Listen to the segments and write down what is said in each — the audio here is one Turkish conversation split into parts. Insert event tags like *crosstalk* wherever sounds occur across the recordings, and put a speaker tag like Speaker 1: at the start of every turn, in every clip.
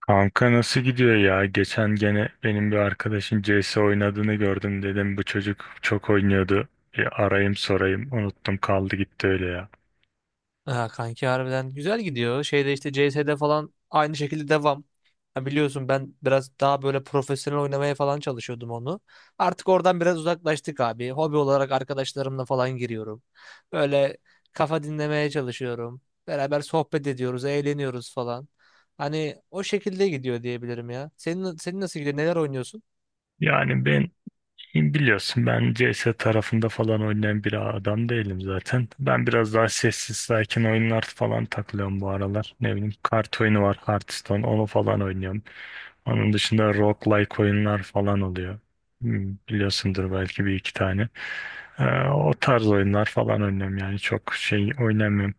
Speaker 1: Kanka nasıl gidiyor ya? Geçen gene benim bir arkadaşın CS oynadığını gördüm dedim. Bu çocuk çok oynuyordu. Bir arayayım sorayım. Unuttum kaldı gitti öyle ya.
Speaker 2: Ha, kanki harbiden güzel gidiyor. Şeyde işte CS'de falan aynı şekilde devam. Ha, biliyorsun ben biraz daha böyle profesyonel oynamaya falan çalışıyordum onu. Artık oradan biraz uzaklaştık abi. Hobi olarak arkadaşlarımla falan giriyorum. Böyle kafa dinlemeye çalışıyorum. Beraber sohbet ediyoruz, eğleniyoruz falan. Hani o şekilde gidiyor diyebilirim ya. Senin nasıl gidiyor? Neler oynuyorsun?
Speaker 1: Yani biliyorsun ben CS tarafında falan oynayan bir adam değilim zaten. Ben biraz daha sessiz sakin oyunlar falan takılıyorum bu aralar. Ne bileyim kart oyunu var, Hearthstone, onu falan oynuyorum. Onun dışında roguelike oyunlar falan oluyor. Hmm, biliyorsundur belki bir iki tane. O tarz oyunlar falan oynuyorum, yani çok şey oynamıyorum.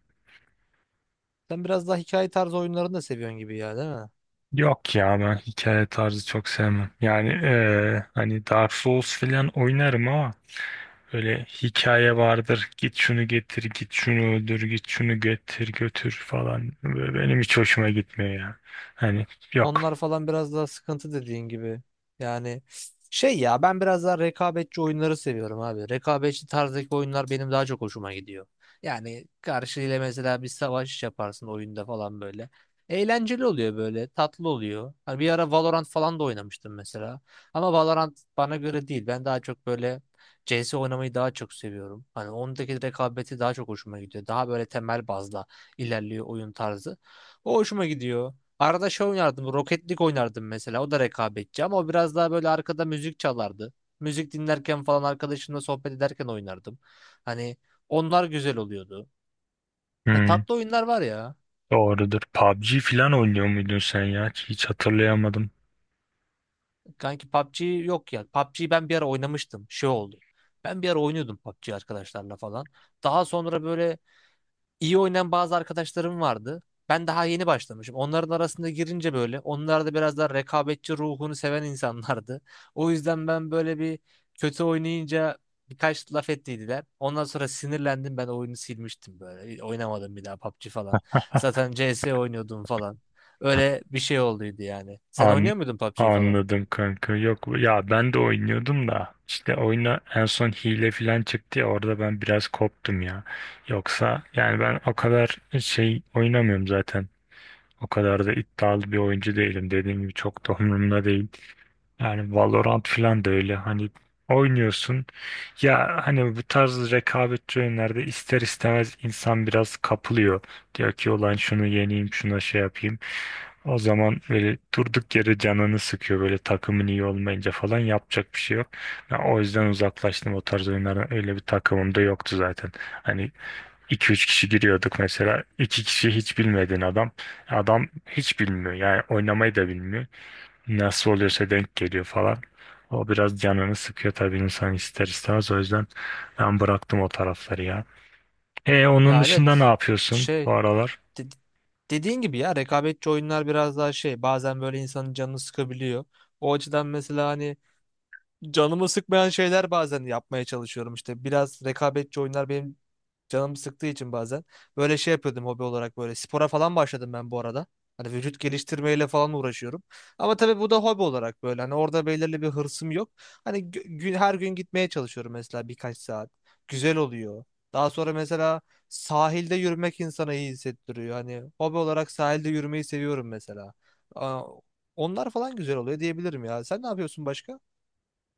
Speaker 2: Sen biraz daha hikaye tarzı oyunlarını da seviyorsun gibi ya, değil mi?
Speaker 1: Yok ya, ben hikaye tarzı çok sevmem. Yani hani Dark Souls falan oynarım ama öyle hikaye vardır. Git şunu getir, git şunu öldür, git şunu getir, götür falan. Böyle benim hiç hoşuma gitmiyor ya. Hani yok.
Speaker 2: Onlar falan biraz daha sıkıntı dediğin gibi. Yani şey ya ben biraz daha rekabetçi oyunları seviyorum abi. Rekabetçi tarzdaki oyunlar benim daha çok hoşuma gidiyor. Yani karşıyla mesela bir savaş yaparsın oyunda falan böyle. Eğlenceli oluyor böyle, tatlı oluyor. Hani bir ara Valorant falan da oynamıştım mesela. Ama Valorant bana göre değil. Ben daha çok böyle CS oynamayı daha çok seviyorum. Hani ondaki rekabeti daha çok hoşuma gidiyor. Daha böyle temel bazla ilerliyor oyun tarzı. O hoşuma gidiyor. Arada şey oynardım. Rocket League oynardım mesela. O da rekabetçi ama o biraz daha böyle arkada müzik çalardı. Müzik dinlerken falan arkadaşımla sohbet ederken oynardım. Hani onlar güzel oluyordu. Ya
Speaker 1: Hmm,
Speaker 2: tatlı oyunlar var ya.
Speaker 1: doğrudur. PUBG falan oynuyor muydun sen ya? Hiç hatırlayamadım.
Speaker 2: Kanki PUBG yok ya. PUBG'yi ben bir ara oynamıştım. Şey oldu. Ben bir ara oynuyordum PUBG arkadaşlarla falan. Daha sonra böyle İyi oynayan bazı arkadaşlarım vardı. Ben daha yeni başlamışım. Onların arasında girince böyle onlar da biraz daha rekabetçi ruhunu seven insanlardı. O yüzden ben böyle bir kötü oynayınca birkaç laf ettiydiler. Ondan sonra sinirlendim ben oyunu silmiştim böyle. Oynamadım bir daha PUBG falan. Zaten CS oynuyordum falan. Öyle bir şey olduydu yani. Sen
Speaker 1: An
Speaker 2: oynuyor muydun PUBG falan?
Speaker 1: anladım kanka. Yok ya, ben de oynuyordum da işte oyuna en son hile falan çıktı ya, orada ben biraz koptum ya. Yoksa yani ben o kadar şey oynamıyorum zaten. O kadar da iddialı bir oyuncu değilim. Dediğim gibi çok da *laughs* umurumda değil. Yani Valorant falan da öyle, hani oynuyorsun ya, hani bu tarz rekabetçi oyunlarda ister istemez insan biraz kapılıyor. Diyor ki ulan şunu yeneyim, şuna şey yapayım. O zaman böyle durduk yere canını sıkıyor, böyle takımın iyi olmayınca falan yapacak bir şey yok. Ben o yüzden uzaklaştım o tarz oyunlardan, öyle bir takımım da yoktu zaten. Hani iki üç kişi giriyorduk mesela, 2 kişi hiç bilmediğin adam, adam hiç bilmiyor yani, oynamayı da bilmiyor, nasıl oluyorsa denk geliyor falan. O biraz canını sıkıyor tabii, insan ister istemez. O yüzden ben bıraktım o tarafları ya. E, onun
Speaker 2: Ya
Speaker 1: dışında ne
Speaker 2: evet.
Speaker 1: yapıyorsun bu
Speaker 2: Şey
Speaker 1: aralar?
Speaker 2: de- dediğin gibi ya rekabetçi oyunlar biraz daha şey bazen böyle insanın canını sıkabiliyor. O açıdan mesela hani canımı sıkmayan şeyler bazen yapmaya çalışıyorum işte. Biraz rekabetçi oyunlar benim canım sıktığı için bazen. Böyle şey yapıyordum hobi olarak böyle. Spora falan başladım ben bu arada. Hani vücut geliştirmeyle falan uğraşıyorum. Ama tabii bu da hobi olarak böyle. Hani orada belirli bir hırsım yok. Hani gün, her gün gitmeye çalışıyorum mesela birkaç saat. Güzel oluyor. Daha sonra mesela sahilde yürümek insana iyi hissettiriyor. Hani hobi olarak sahilde yürümeyi seviyorum mesela. Aa, onlar falan güzel oluyor diyebilirim ya. Sen ne yapıyorsun başka?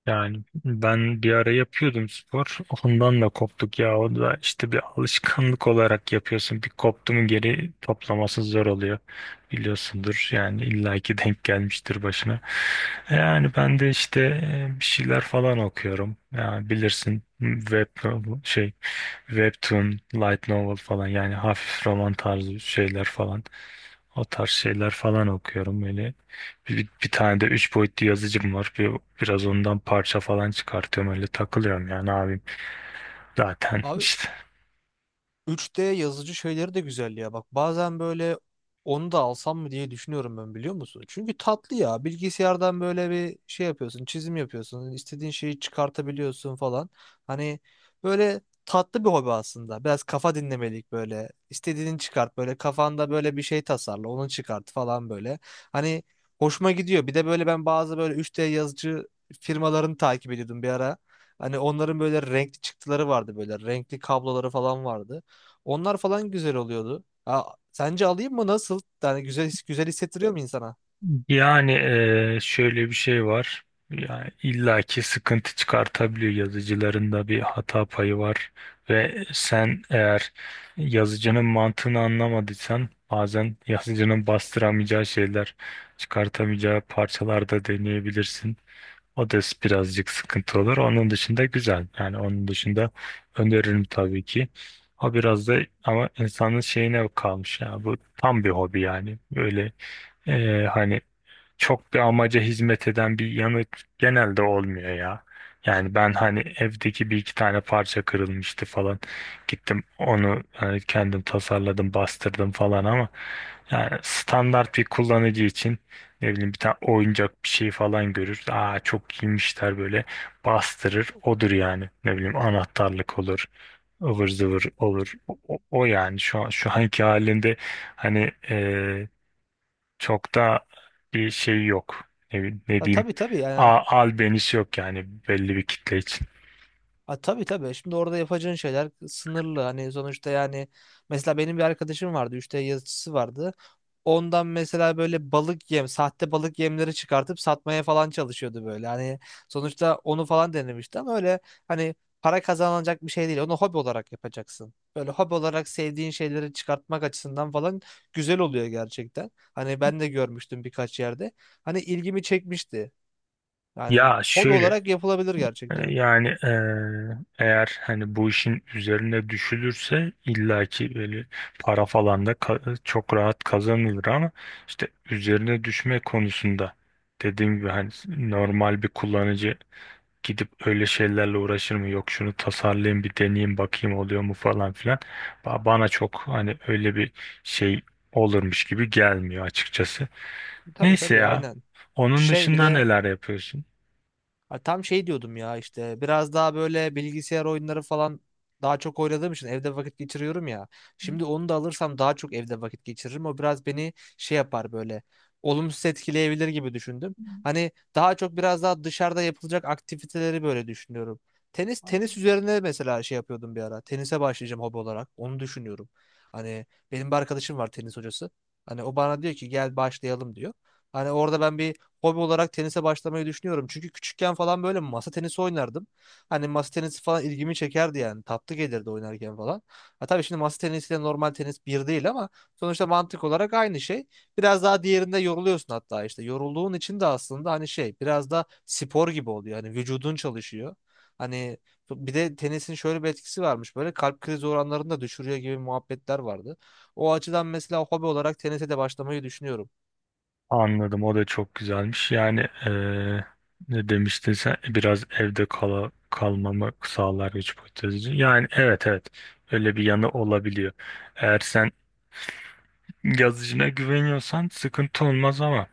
Speaker 1: Yani ben bir ara yapıyordum spor. Ondan da koptuk ya. O da işte bir alışkanlık olarak yapıyorsun. Bir koptu mu geri toplaması zor oluyor. Biliyorsundur yani, illaki denk gelmiştir başına. Yani ben de işte bir şeyler falan okuyorum. Yani bilirsin, web novel, şey, webtoon, light novel falan, yani hafif roman tarzı şeyler falan. O tarz şeyler falan okuyorum öyle. Bir tane de üç boyutlu yazıcım var. Biraz ondan parça falan çıkartıyorum, öyle takılıyorum yani abim. Zaten
Speaker 2: Abi
Speaker 1: işte.
Speaker 2: 3D yazıcı şeyleri de güzel ya. Bak bazen böyle onu da alsam mı diye düşünüyorum ben biliyor musun? Çünkü tatlı ya. Bilgisayardan böyle bir şey yapıyorsun, çizim yapıyorsun, istediğin şeyi çıkartabiliyorsun falan. Hani böyle tatlı bir hobi aslında. Biraz kafa dinlemelik böyle. İstediğini çıkart böyle kafanda böyle bir şey tasarla, onu çıkart falan böyle. Hani hoşuma gidiyor. Bir de böyle ben bazı böyle 3D yazıcı firmalarını takip ediyordum bir ara. Hani onların böyle renkli çıktıları vardı böyle renkli kabloları falan vardı. Onlar falan güzel oluyordu. Ha, sence alayım mı nasıl? Yani güzel güzel hissettiriyor mu insana?
Speaker 1: Yani şöyle bir şey var. Yani illaki sıkıntı çıkartabiliyor, yazıcılarında bir hata payı var ve sen eğer yazıcının mantığını anlamadıysan bazen yazıcının bastıramayacağı şeyler, çıkartamayacağı parçalarda deneyebilirsin. O da birazcık sıkıntı olur. Onun dışında güzel. Yani onun dışında öneririm tabii ki. O biraz da ama insanın şeyine kalmış ya. Bu tam bir hobi yani. Böyle hani çok bir amaca hizmet eden bir yemek genelde olmuyor ya. Yani ben hani evdeki bir iki tane parça kırılmıştı falan. Gittim onu hani kendim tasarladım, bastırdım falan ama yani standart bir kullanıcı için ne bileyim bir tane oyuncak bir şey falan görür. Aa, çok iyiymişler böyle, bastırır. Odur yani. Ne bileyim, anahtarlık olur, ıvır zıvır olur. O yani şu an şu anki halinde hani çok da bir şey yok. Ne
Speaker 2: Ha,
Speaker 1: diyeyim?
Speaker 2: tabii tabii yani.
Speaker 1: Albenisi yok yani, belli bir kitle için.
Speaker 2: Ha, tabii tabii. Şimdi orada yapacağın şeyler sınırlı. Hani sonuçta yani mesela benim bir arkadaşım vardı. 3D yazıcısı vardı. Ondan mesela böyle balık yem, sahte balık yemleri çıkartıp satmaya falan çalışıyordu böyle. Hani sonuçta onu falan denemişti ama öyle hani para kazanılacak bir şey değil. Onu hobi olarak yapacaksın. Böyle hobi olarak sevdiğin şeyleri çıkartmak açısından falan güzel oluyor gerçekten. Hani ben de görmüştüm birkaç yerde. Hani ilgimi çekmişti. Yani
Speaker 1: Ya
Speaker 2: hobi
Speaker 1: şöyle,
Speaker 2: olarak yapılabilir gerçekten.
Speaker 1: yani, eğer hani bu işin üzerine düşülürse illaki böyle para falan da çok rahat kazanılır ama işte üzerine düşme konusunda, dediğim gibi hani normal bir kullanıcı gidip öyle şeylerle uğraşır mı, yok şunu tasarlayayım bir deneyeyim bakayım oluyor mu falan filan. Bana çok hani öyle bir şey olurmuş gibi gelmiyor açıkçası.
Speaker 2: Tabii
Speaker 1: Neyse
Speaker 2: tabii
Speaker 1: ya,
Speaker 2: aynen.
Speaker 1: onun
Speaker 2: Şey bir
Speaker 1: dışında
Speaker 2: de
Speaker 1: neler yapıyorsun?
Speaker 2: ha, tam şey diyordum ya işte biraz daha böyle bilgisayar oyunları falan daha çok oynadığım için evde vakit geçiriyorum ya. Şimdi onu da alırsam daha çok evde vakit geçiririm. O biraz beni şey yapar böyle olumsuz etkileyebilir gibi düşündüm. Hani daha çok biraz daha dışarıda yapılacak aktiviteleri böyle düşünüyorum. Tenis üzerine mesela şey yapıyordum bir ara. Tenise başlayacağım hobi olarak. Onu düşünüyorum. Hani benim bir arkadaşım var tenis hocası. Hani o bana diyor ki gel başlayalım diyor. Hani orada ben bir hobi olarak tenise başlamayı düşünüyorum. Çünkü küçükken falan böyle masa tenisi oynardım. Hani masa tenisi falan ilgimi çekerdi yani. Tatlı gelirdi oynarken falan. Ha tabii şimdi masa tenisiyle normal tenis bir değil ama sonuçta mantık olarak aynı şey. Biraz daha diğerinde yoruluyorsun hatta işte. Yorulduğun için de aslında hani şey biraz da spor gibi oluyor. Hani vücudun çalışıyor. Hani bir de tenisin şöyle bir etkisi varmış. Böyle kalp krizi oranlarını da düşürüyor gibi muhabbetler vardı. O açıdan mesela hobi olarak tenise de başlamayı düşünüyorum.
Speaker 1: Anladım, o da çok güzelmiş yani. eee, Ne demiştin sen? Biraz evde kalmamı sağlar güç hipotezi yani. Evet evet, öyle bir yanı olabiliyor. Eğer sen yazıcına güveniyorsan sıkıntı olmaz ama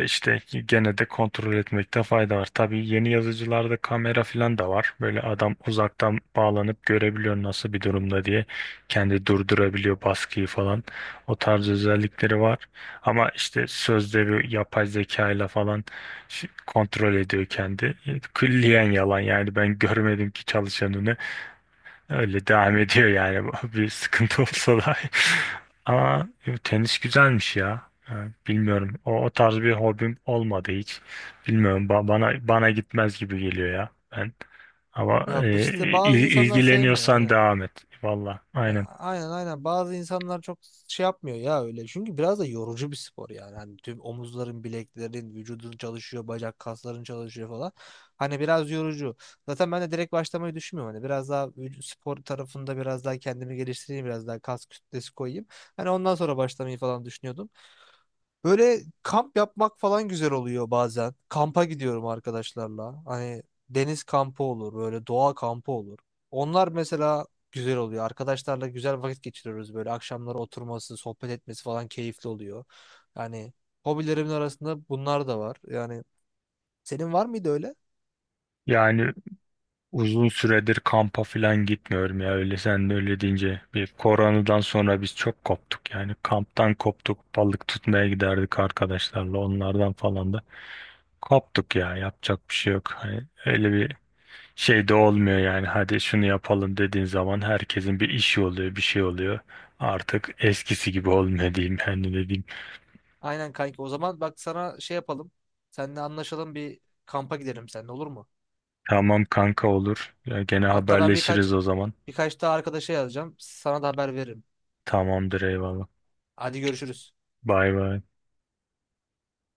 Speaker 1: İşte gene de kontrol etmekte fayda var. Tabii yeni yazıcılarda kamera falan da var. Böyle adam uzaktan bağlanıp görebiliyor nasıl bir durumda diye. Kendi durdurabiliyor baskıyı falan. O tarz özellikleri var. Ama işte sözde bir yapay zeka ile falan kontrol ediyor kendi. Külliyen yalan yani, ben görmedim ki çalışanını. Öyle devam ediyor yani *laughs* bir sıkıntı olsa da. *laughs* Ama yo, tenis güzelmiş ya. Yani bilmiyorum, O, o tarz bir hobim olmadı hiç. Bilmiyorum. Bana gitmez gibi geliyor ya. Ben ama
Speaker 2: Ya
Speaker 1: e,
Speaker 2: işte bazı
Speaker 1: il-
Speaker 2: insanlar sevmiyor
Speaker 1: ilgileniyorsan
Speaker 2: aynen.
Speaker 1: devam et. Valla.
Speaker 2: Ya
Speaker 1: Aynen.
Speaker 2: aynen aynen bazı insanlar çok şey yapmıyor ya öyle. Çünkü biraz da yorucu bir spor yani. Hani tüm omuzların, bileklerin, vücudun çalışıyor, bacak kasların çalışıyor falan. Hani biraz yorucu. Zaten ben de direkt başlamayı düşünmüyorum. Hani biraz daha vücut spor tarafında biraz daha kendimi geliştireyim, biraz daha kas kütlesi koyayım. Hani ondan sonra başlamayı falan düşünüyordum. Böyle kamp yapmak falan güzel oluyor bazen. Kampa gidiyorum arkadaşlarla. Hani deniz kampı olur, böyle doğa kampı olur. Onlar mesela güzel oluyor. Arkadaşlarla güzel vakit geçiriyoruz böyle. Akşamları oturması, sohbet etmesi falan keyifli oluyor. Yani hobilerimin arasında bunlar da var. Yani senin var mıydı öyle?
Speaker 1: Yani uzun süredir kampa falan gitmiyorum ya, öyle sen de öyle deyince, bir koronadan sonra biz çok koptuk yani, kamptan koptuk, balık tutmaya giderdik arkadaşlarla, onlardan falan da koptuk ya, yapacak bir şey yok. Hani öyle bir şey de olmuyor yani, hadi şunu yapalım dediğin zaman herkesin bir işi oluyor, bir şey oluyor. Artık eskisi gibi olmuyor diyeyim yani, ne diyeyim.
Speaker 2: Aynen kanki. O zaman bak sana şey yapalım. Seninle anlaşalım bir kampa gidelim seninle olur mu?
Speaker 1: Tamam kanka, olur. Ya gene
Speaker 2: Hatta ben birkaç
Speaker 1: haberleşiriz o zaman.
Speaker 2: birkaç daha arkadaşa yazacağım. Sana da haber veririm.
Speaker 1: Tamamdır, eyvallah.
Speaker 2: Hadi görüşürüz.
Speaker 1: Bay bay.